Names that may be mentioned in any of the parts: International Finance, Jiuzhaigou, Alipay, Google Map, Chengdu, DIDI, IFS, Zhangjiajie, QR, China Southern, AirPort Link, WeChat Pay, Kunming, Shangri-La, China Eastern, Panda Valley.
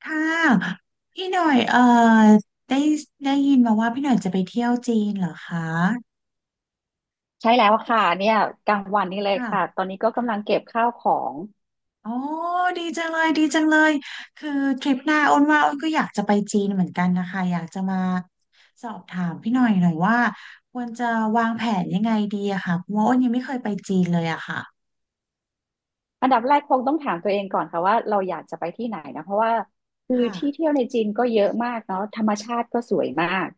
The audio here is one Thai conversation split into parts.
ค่ะพี่หน่อยได้ได้ยินมาว่าพี่หน่อยจะไปเที่ยวจีนเหรอคะใช่แล้วค่ะเนี่ยกลางวันนี้เลยค่ะค่ะตอนนี้ก็กำลังเก็บข้าวของ อ๋อดีจังเลยดีจังเลยคือทริปหน้าอ้นว่าอ้นก็อยากจะไปจีนเหมือนกันนะคะอยากจะมาสอบถามพี่หน่อยหน่อยว่าควรจะวางแผนยังไงดีอะค่ะเพราะว่าอ้นยังไม่เคยไปจีนเลยอะค่ะอันดับแรกคงต้องถามตัวเองก่อนค่ะว่าเราอยากจะไปที่ไหนนะเพราะว่าคือที่ค่ะเที่ยวในจีนก็เยอะมากเนาะธรรมชาติก็สวยมาก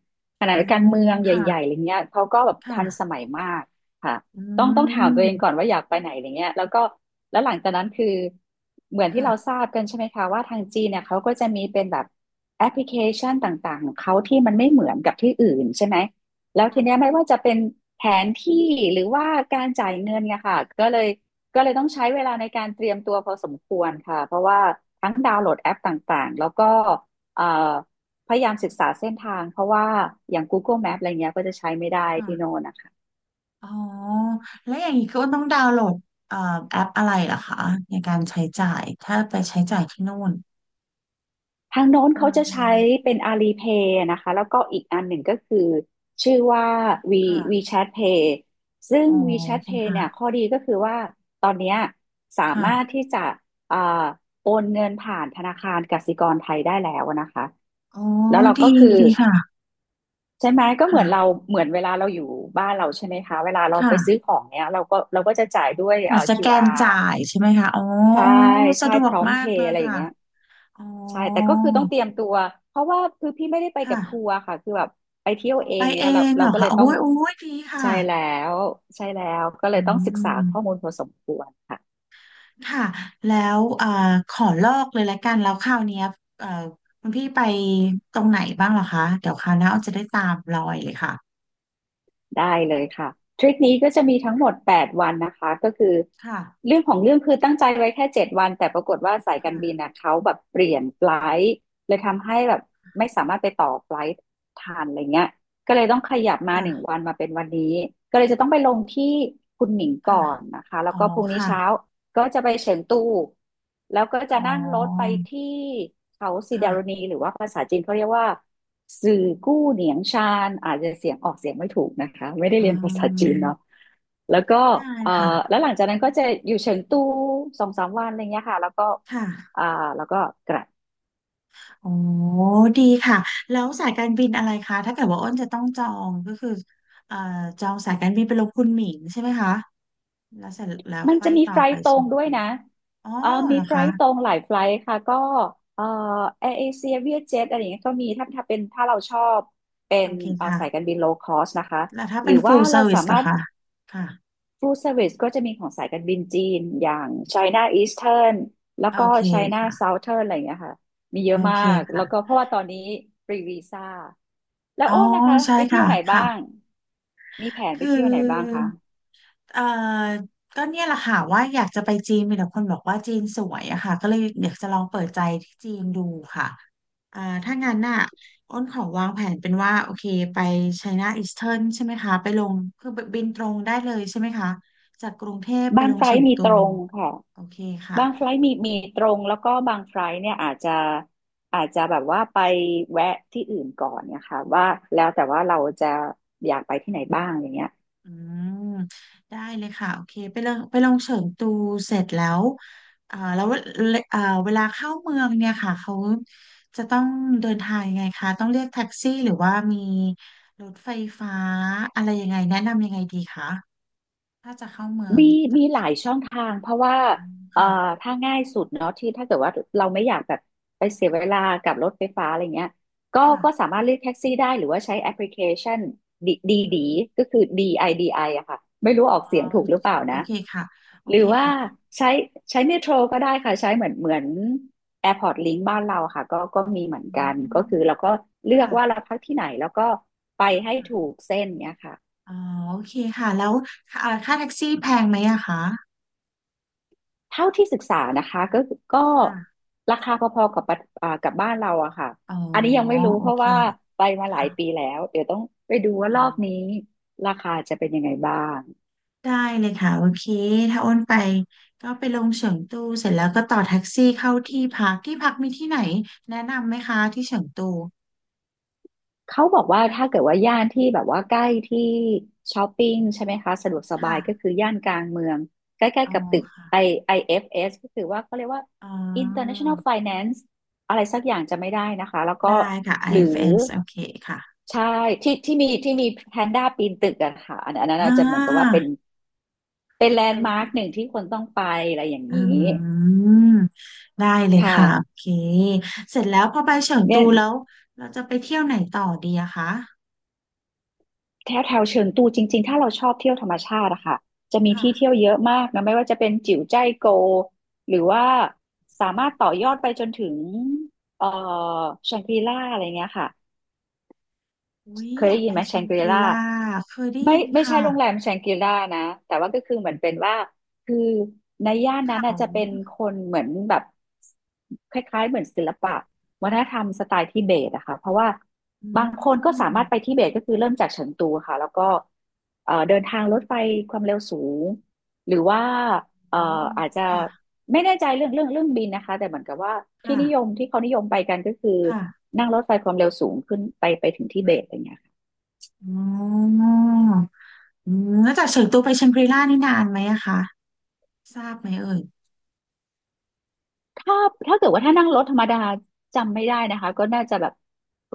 ขณะอ๋อเดียวกันเมืองใหญ่ๆค่ะอะไรเงี้ยเขาก็แบบทันสค่ะมัยมากค่ะอืต้องถามตัวเองก่อนมว่าอยากไปไหนอะไรเงี้ยแล้วก็แล้วหลังจากนั้นคือเหมือนที่ค่ะเราทราบกันใช่ไหมคะว่าทางจีนเนี่ยเขาก็จะมีเป็นแบบแอปพลิเคชันต่างๆของเขาที่มันไม่เหมือนกับที่อื่นใช่ไหมแล้วทีเนี้ยไม่ว่าจะเป็นแผนที่หรือว่าการจ่ายเงินเนี่ยค่ะก็เลย ต้องใช้เวลาในการเตรียมตัวพอสมควรค่ะเพราะว่าทั้งดาวน์โหลดแอปต่างๆแล้วก็เอ่อพยายามศึกษาเส้นทางเพราะว่าอย่าง Google Map อะไรคเงี้ยก็จะใช้ไม่ได้่ะ ที่โน่นนะคะอ๋อแล้วอย่างนี้ก็ต้องดาวน์โหลดเอ่อแอปอะไรเหรอคะในการใช้จ่ายถ้าไปใช้จ่ายที่นู่นทางโน้นเขาเดินจะใช้มาเป็น Alipay นะคะแล้วก็อีกอันหนึ่งก็คือชื่อว่า V ค่ะ WeChat Pay ซึ่ง อ๋อโอ WeChat เค Pay เนี่ยข้ค่ะอดีก็คือว่าตอนเนี้ยสามารถค่ะที่จะเอ่อโอนเงินผ่านธนาคารกสิกรไทยได้แล้วนะคะอ๋อแล้วเราก็ดีคือ ดีค่ะใช่ไหมก็เหมือนเราค่ะเหมือนเวลาเราอยู่บ้านเราใช่ไหมคะเวลาเราค่ะไปซื้อของเนี้ยเราก็จะจ่ายด้วยเหมือนสแกน QR จ่ายใช่ไหมคะอ๋อใช่อ๋อสะใช่ดวพกร้อมมาเพกเลย์ยอะไรอย่างค่ะเงี้ยอ๋อใช่แต่ก็คือต้องเตรียมตัวเพราะว่าคือพี่ไม่ได้ไปคกับทัว่ะร์ค่ะคือแบบไปเที่ยวเอไปงเนี้เอยเรางเหเรารอก็เลคะยโอ้ต้องยโอ้ยดีค่ะใช่แล้วใช่แล้วก็เลอืยต้องศึกษาข้อมูม ลพอสมควรค่ะ ค่ะแล้วขอลอกเลยละกันแล้วคราวเนี้ยเอ่อคุณพี่ไปตรงไหนบ้างเหรอคะเดี๋ยวคราวหน้าอ้อจะได้ตามรอยเลยค่ะได้เลยค่ะทริปนี้ก็จะมีทั้งหมดแปดวันนะคะก็คือค่ะเรื่องของเรื่องคือตั้งใจไว้แค่เจ็ดวันแต่ปรากฏว่าสายการบินค่ะนะเขาแบบเปลี่ยนไฟลท์เลยทำให้แบบไม่สามารถไปต่อไฟลท์ทันอะไรเงี้ยก็เลยต้องขยับมาหนึ่งค่ะวันมาเป็นวันนี้ก็เลยจะต้องไปลงที่คุนหมิงค่ะก่อนนะคะแล้อ๋วอก็พรุ่งนี้เช้า ค่ะก็จะไปเฉิงตูแล้วก็จะอ๋นั่งรถไปอที่เขาซีดาค่ะรณีหรือว่าภาษาจีนเขาเรียกว่าสื่อกู้เหนียงชานอาจจะเสียงออกเสียงไม่ถูกนะคะไม่ได้อืเรียนภาษาจีนเนาะมแล้วก็ได้เอ่อค่ะแล้วหลังจากนั้นก็จะอยู่เฉิงตูสองสามวันอะไรเงี้ยค่ะแล้วก็คอ่า่ะแล้วก็กลับ โอ้ดีค่ะแล้วสายการบินอะไรคะถ้าเกิดว่าอ้นจะต้องจองก็คือเอ่อจองสายการบินไปลงคุณหมิงใช่ไหมคะแล้วเสร็จแล้วมันค่อจะยมีต่อไฟไปล์ตรส่งวนด้วยตัวนะอ๋อเออเหมีรอไฟคะล์ตรงหลายไฟล์ค่ะ ก็เออแอร์เอเชียเวียเจ็ตอะไรอย่างเงี้ยก็มีถ้าเราชอบเป็นโอเคเออค่ะ สายการบินโลคอสนะคะ แล้วถ้าหเป็รืน อว่า full เราสา service มาล่ะรถคะ ค่ะ ฟู l เซอร์วิสก็จะมีของสายการบินจีนอย่าง China Eastern แล้วโอก็ เค China ค่ะ Southern อะไรอย่างเงี้ยค่ะ มีเยโออะมาเคก แล้ค่ะวก็เพราะว่าตอนนี้ฟรีวีซ่าแล้วอ๋อโอ้นนะคะใช่ไปเที่ยค่ะวไหนบ้าง ค่ะมีแผนไปคืเที่ยวไหนบ้างอ คะเอ่อก็เนี่ยแหละค่ะว่าอยากจะไปจีนมีแต่คนบอกว่าจีนสวยอะค่ะก็เลยอยากจะลองเปิดใจที่จีนดูค่ะอ่าถ้างั้นน่ะอ้นขอวางแผนเป็นว่าโอเคไป China Eastern ใช่ไหมคะไปลง คือบินตรงได้เลยใช่ไหมคะ จากกรุงเทพไปบางลงไฟเฉิล์งมีตูตรงค่ะ โอเคค่ะ บางไฟลท์มีตรงแล้วก็บางไฟลท์เนี่ยอาจจะแบบว่าไปแวะที่อื่นก่อนเนี่ยค่ะว่าแล้วแต่ว่าเราจะอยากไปที่ไหนบ้างอย่างเงี้ย อืมได้เลยค่ะโอเคไปลองไปลองเฉิงตูเสร็จแล้วอ่าแล้วเอ่อเวลาเข้าเมืองเนี่ยค่ะเขาจะต้องเดินทางยังไงคะต้องเรียกแท็กซี่หรือว่ามีรถไฟฟ้าอะไรยังไงแนะนำยังไงดีคะถ้าจะเข้าเมืองมีจามีกหลายช่องทางเพราะว่าเอ่อค่ะถ้าง่ายสุดเนาะที่ถ้าเกิดว่าเราไม่อยากแบบไปเสียเวลากับรถไฟฟ้าอะไรเงี้ยก็ค่ะสามารถเรียกแท็กซี่ได้หรือว่าใช้แอปพลิเคชันดีดีดีก็คือ DIDI อดีไออะค่ะไม่รู้อออ๋กอเสียงถูกหรือเปล่าโอนะเคค่ะโอหรืเคอว่าค่ะใช้ใช้เมโทรก็ได้ค่ะใช้เหมือน AirPort Link บ้านเราค่ะก็มีเหมือนอืกันก็มคือเราก็เลือกค่ะว่าเราพักที่ไหนแล้วก็ไปให้ถูกเส้นเนี้ยค่ะ อ๋อโอเคค่ะแล้วค่าค่าแท็กซี่แพงไหมอะคะเท่าที่ศึกษานะคะก็ค่ะราคาพอๆกับปะอ่ากับบ้านเราอะค่ะ อ๋ออันนี้ยังไม่รู้โอเพราะเคว่าไปมาหลาค่ะ ยปีแล้วเดี๋ยวต้องไปดูว่าอ๋รออบนี้ราคาจะเป็นยังไงบ้าง ได้เลยค่ะโอเคถ้าอ้นไปก็ไปลงเฉิงตูเสร็จแล้วก็ต่อแท็กซี่เข้าที่พักที่พักมีที่ไหนแนะนำไหมคะที่เฉิงตูเขาบอกว่าถ้าเกิดว่าย่านที่แบบว่าใกล้ที่ช้อปปิ้งใช่ไหมคะสะดวกสบาค่ะยก็คือย่านกลางเมืองใกล้อ๋อๆกับตึก ค่ะ I เ f s ก็คือว่าเขาเรียกว่า อ๋อ International Finance อะไรสักอย่างจะไม่ได้นะคะแล้วก็ได้ค่ะ หรือ IFS โอเคค่ะใช่ที่ที่มีแพนด้าปีนตึกอะค่ะอันนั้นอ่อาจจะเหมือนกับว่าาเป็นแลนเป็ด์นมาร์คหนึ่งที่คนต้องไปอะไรอย่างอืนี้มได้เลยคค่ะโอ่ะเคเสร็จแล้วพอไปเฉิงตูเนี่ยแล้วเราจะไปเที่ยวไหนต่อดีอะคะแถวแถวเชิงตูจริงๆถ้าเราชอบเที่ยวธรรมชาติอะค่ะจะมีที่เที่ยวค่ะเยอะมากนะไม่ว่าจะเป็นจิ๋วจ้ายโกหรือว่าสามารถต่อยอดไปจนถึงเอ่อแชงกรีล่าอะไรเงี้ยค่ะ อุ้ยเคยอได้ยากยิไปนไหมเชแชงงกกรีรีล่าล่าเคยได้ยินไม่ใช่ค่ะโรงแรมแชงกรีล่านะแต่ว่าก็คือเหมือนเป็นว่าคือในย่านนั้นเขา น่ะจะเป็นคนเหมือนแบบคล้ายๆเหมือนศิลปะวัฒนธรรมสไตล์ทิเบตอะค่ะเพราะว่าอืบางคนก็สามมารถไปทิเบตก็คือเริ่มจากเฉิงตูค่ะแล้วก็เดินทางรถไฟความเร็วสูงหรือว่าเอ่ออืมอาจจะค่ะไม่แน่ใจเรื่องบินนะคะแต่เหมือนกับว่าค่ะที่เขานิยมไปกันก็คือค่ะนั่งรถไฟความเร็วสูงขึ้นไปไปถึงทิเบตอะไรเงี้ย อ๋ออืมแล้วจากเฉิงตูไปแชงกรีล่านี่นานไหมอะคะทราบไหมเอ่ยถ้าถ้าเกิดว่าถ้านั่งรถธรรมดาจำไม่ได้นะคะก็น่าจะแบบ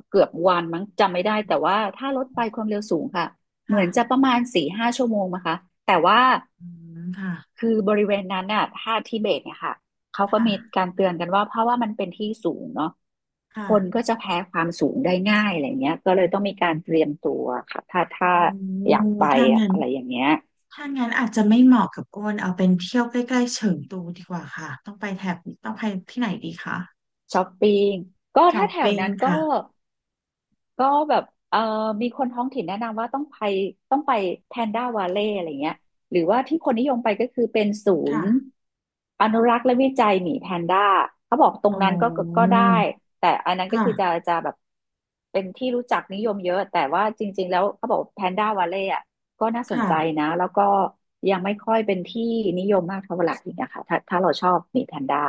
เกือบวันมั้งจำไม่ได้แต่ว่าถ้ารถไฟความเร็วสูงค่ะเหมืค่ะอนจะประมาณสี่ห้าชั่วโมงนะคะแต่ว่าอืมค่ะคือบริเวณนั้นน่ะถ้าทิเบตเนี่ยค่ะเขาก็ค่ะมีการเตือนกันว่าเพราะว่ามันเป็นที่สูงเนาะค่ะคนก็จะแพ้ความสูงได้ง่ายอะไรเงี้ยก็เลยต้องมีการเตรียมตัวค่ะโอถ้า้อยากไปถ้าอะงั้นอะไรอย่างเงี้ย ถ้างั้นอาจจะไม่เหมาะกับอ้นเอาเป็นเที่ยวใกล้ๆเฉิงตูดีกว่าค่ะต้องไปแถบต้องไปที่ไหนดีคะช้อปปิ้งก็ช้อถ้าปแถวปิ้งนั้นก็ค่ะก็แบบเอ่อมีคนท้องถิ่นแนะนำว่าต้องไปแพนด้าวาเล่อะไรเงี้ยหรือว่าที่คนนิยมไปก็คือเป็นศูนย์ค่ะอนุรักษ์และวิจัยหมีแพนด้าเขาบอกตรอ๋งนั้นก็อได้แต่อันนั้นก็ค่ะคือจะแบบเป็นที่รู้จักนิยมเยอะแต่ว่าจริงๆแล้วเขาบอกแพนด้าวาเล่อะก็น่าสนใจค่ะ นะแล้วก็ยังไม่ค่อยเป็นที่นิยมมากเท่าไหร่นะคะถ้าเราชอบหมีแพนด้า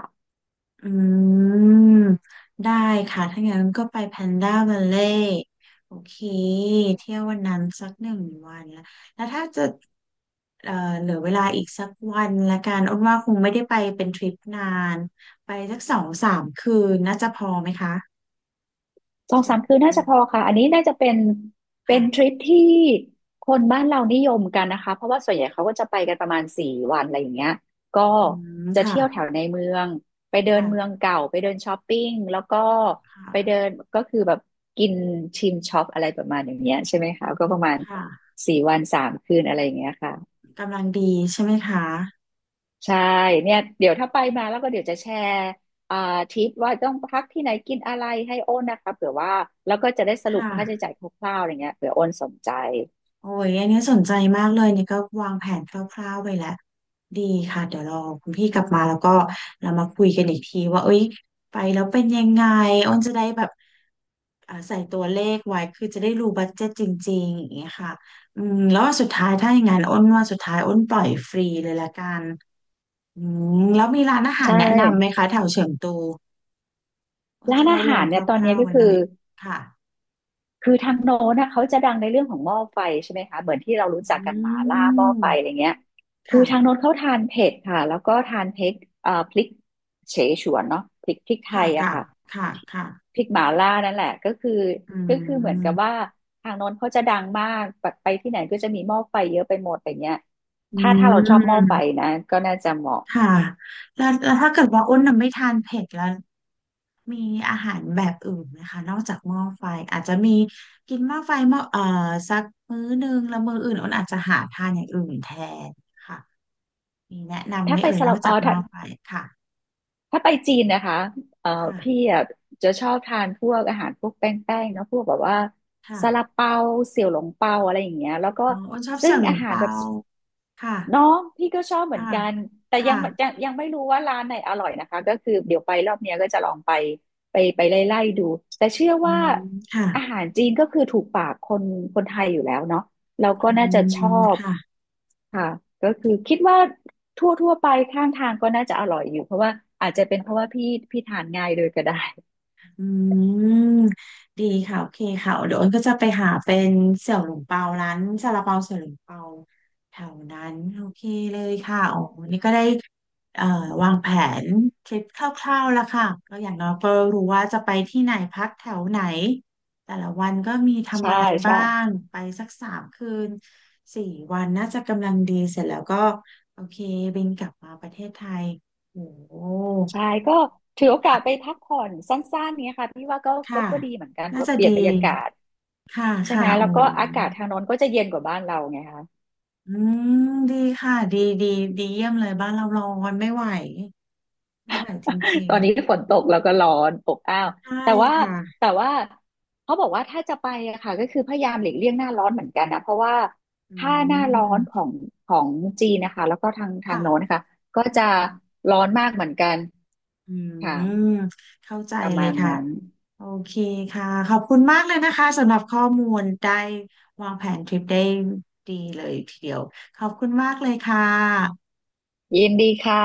อืมได้ค่ะ ถ้างั้นก็ไปแพนด้า a ัลเล่โอเคเที่ยววันนั้นสักหนึ่งวันแล้ว แล้วถ้าจะเอ่อเหลือเวลาอีกสักวันละกันอ้นว่าคงไม่ได้ไปเป็นทริปนานไปสักสองสามคืนน่าจะพอไหมคะสองเชิสาญมคืนน่าตูจะพอค่ะอันนี้น่าจะเป็นเป็ค่ะนทริปที่คนบ้านเรานิยมกันนะคะเพราะว่าส่วนใหญ่เขาก็จะไปกันประมาณสี่วันอะไรอย่างเงี้ยก็อืมจะค่ะเที่ยวแถวในเมืองไปเดินเมืองค่ะเก่าไปเดินช้อปปิ้งแล้วก็ค่ะไปเดินก็คือแบบกินชิมช็อปอะไรประมาณอย่างเงี้ยใช่ไหมคะก็ประมาณค่ะสี่วันสามคืนอะไรอย่างเงี้ยค่ะ กำลังดีใช่ไหมคะใช่เนี่ยเดี๋ยวถ้าไปมาแล้วก็เดี๋ยวจะแชร์อ่าทิปว่าต้องพักที่ไหนกินอะไรให้โอนนะคะเผื่อว่าแล้วก็จะได้สรุปค่ะ ค่าใช้จ่ายคร่าวๆอะไรเงี้ยเผื่อโอนสนใจโอ้ยอันนี้สนใจมากเลยนี่ก็วางแผนคร่าวๆไปแล้วดีค่ะเดี๋ยวรอคุณพี่กลับมาแล้วก็เรามาคุยกันอีกทีว่าเอ้ยไปแล้วเป็นยังไงอ้นจะได้แบบอ่าใส่ตัวเลขไว้คือจะได้รู้บัดเจ็ตจริงๆอย่างเงี้ยค่ะอืมแล้วว่าสุดท้ายถ้าอย่างนั้นอ้นว่าสุดท้ายอ้นปล่อยฟรีเลยละกันอืมแล้วมีร้านอาหารใช่แนะนำไหมคะแถวเฉิงตูอ้นร้าจะนได้อาลหางรเนี่ยตอคนนี้ร่าวๆก็ไว้หคืน่ออ ยค่ะคือทางโน้นนะเขาจะดังในเรื่องของหม้อไฟใช่ไหมคะเหมือนที่เรารู้จักกันหมาอืล่าหม้อไฟอะไรมเงี้ยคือค่ะทางโน้นเขาทานเผ็ดค่ะแล้วก็ทานเผ็ดพริกเฉฉวนเนาะพริกไทค่ะยอะค่ะค่ะค่ะค่ะ พริกหมาล่านั่นแหละก็คืออืก็คือเหมือนกับว่ามทางโน้นเขาจะดังมากแบไปที่ไหนก็จะมีหม้อไฟเยอะไปหมดอะไรเงี้ยอืถ้าเราชอบหม้อไฟมนะก็น่าจะเหมาะค่ะแล้วแล้วถ้าเกิดว่าอ้นน่ะไม่ทานเผ็ดแล้ว มีอาหารแบบอื่นไหมคะนอกจากหม้อไฟอาจจะมีกินหม้อไฟหม้อสักมื้อหนึ่งแล้วมื้ออื่นอ้นอาจจะหาทานอย่างอื่นแทนค่ะมีแนะนำไหถ้ามไปเอ่ยสนอลักบเอจากอหม้ถ้า อไฟค่ะถ้าไปจีนนะคะเอ่อค่ะพี่อะจะชอบทานพวกอาหารพวกแป้งๆเนาะพวกแบบว่าซาลาค่ะเปาเสี่ยวหลงเปาอะไรอย่างเงี้ยแล้วก็อ๋ออ้นชอบซึ่เสี่ยงวหลอางหารเปาแบบ ค่ะเนาะพี่ก็ชอบเหมือค่ะนกันแต่คยังยั่ะยังไม่รู้ว่าร้านไหนอร่อยนะคะก็คือเดี๋ยวไปรอบเนี้ยก็จะลองไปไล่ดูแต่เชื่ออืว่ามค่ะอาหารจีนก็คือถูกปากคนไทยอยู่แล้วเนาะเราก็อืน่าจะชอมบค่ะ ค่ะก็คือคิดว่าทั่วไปข้างทางก็น่าจะอร่อยอยู่เพราะว่าอาจจะเป็นเพราะว่าพี่ทานง่ายเลยก็ได้ อืมดีค่ะโอเคค่ะเดี๋ยวอ้นก็จะไปหาเป็นเสี่ยวหลงเปาร้านซาลาเปาเสี่ยวหลงเปาแถวนั้นโอเคเลยค่ะอ๋อวันนี่ก็ได้เอ่อวางแผนทริปคร่าวๆแล้วค่ะก็อย่างน้อยก็รู้ว่าจะไปที่ไหนพักแถวไหนแต่ละวันก็มี ใช่ทำอะไรใช่บ้างไปสักสามคืนสี่วันน่าจะกำลังดีเสร็จแล้วก็โอเคบินกลับมาประเทศไทยโอ้โห ใช่ก็ถือโอกาสไปพักผ่อนสั้นๆเนี้ยค่ะพี่ว่าค่ะก็ดีเหมือนกันน่าว่าจะเปลี่ยดีนบรรยากาศ ค่ะใช่ไหค่ะมแล้โอ้วก็อากาศทางโน้นก็จะเย็นกว่าบ้านเราไงคะ อืมดีค่ะดีดีดีเยี่ยมเลยบ้านเราร้อนไม่ไหวไม่ไหวจริ ตงอนนี้ฝนตกแล้วก็ร้อนอบอ้าวๆใช่แต่ว่าค่ะแต่ว่าเขาบอกว่าถ้าจะไปอะค่ะก็คือพยายามหลีกเลี่ยงหน้าร้อนเหมือนกันนะเพราะว่าอืถ้าหน้าร้อนมของจีนนะคะแล้วก็ทางโน้นค่ะนะคะก็จะค่ะร้อนมากเหมือนกันอืค่ะมเข้าใจประเลยมาณค่ะนั้นโอเคค่ะขอบคุณมากเลยนะคะสำหรับข้อมูลได้วางแผนทริปได้ดีเลยทีเดียวขอบคุณมากเลยค่ะยินดีค่ะ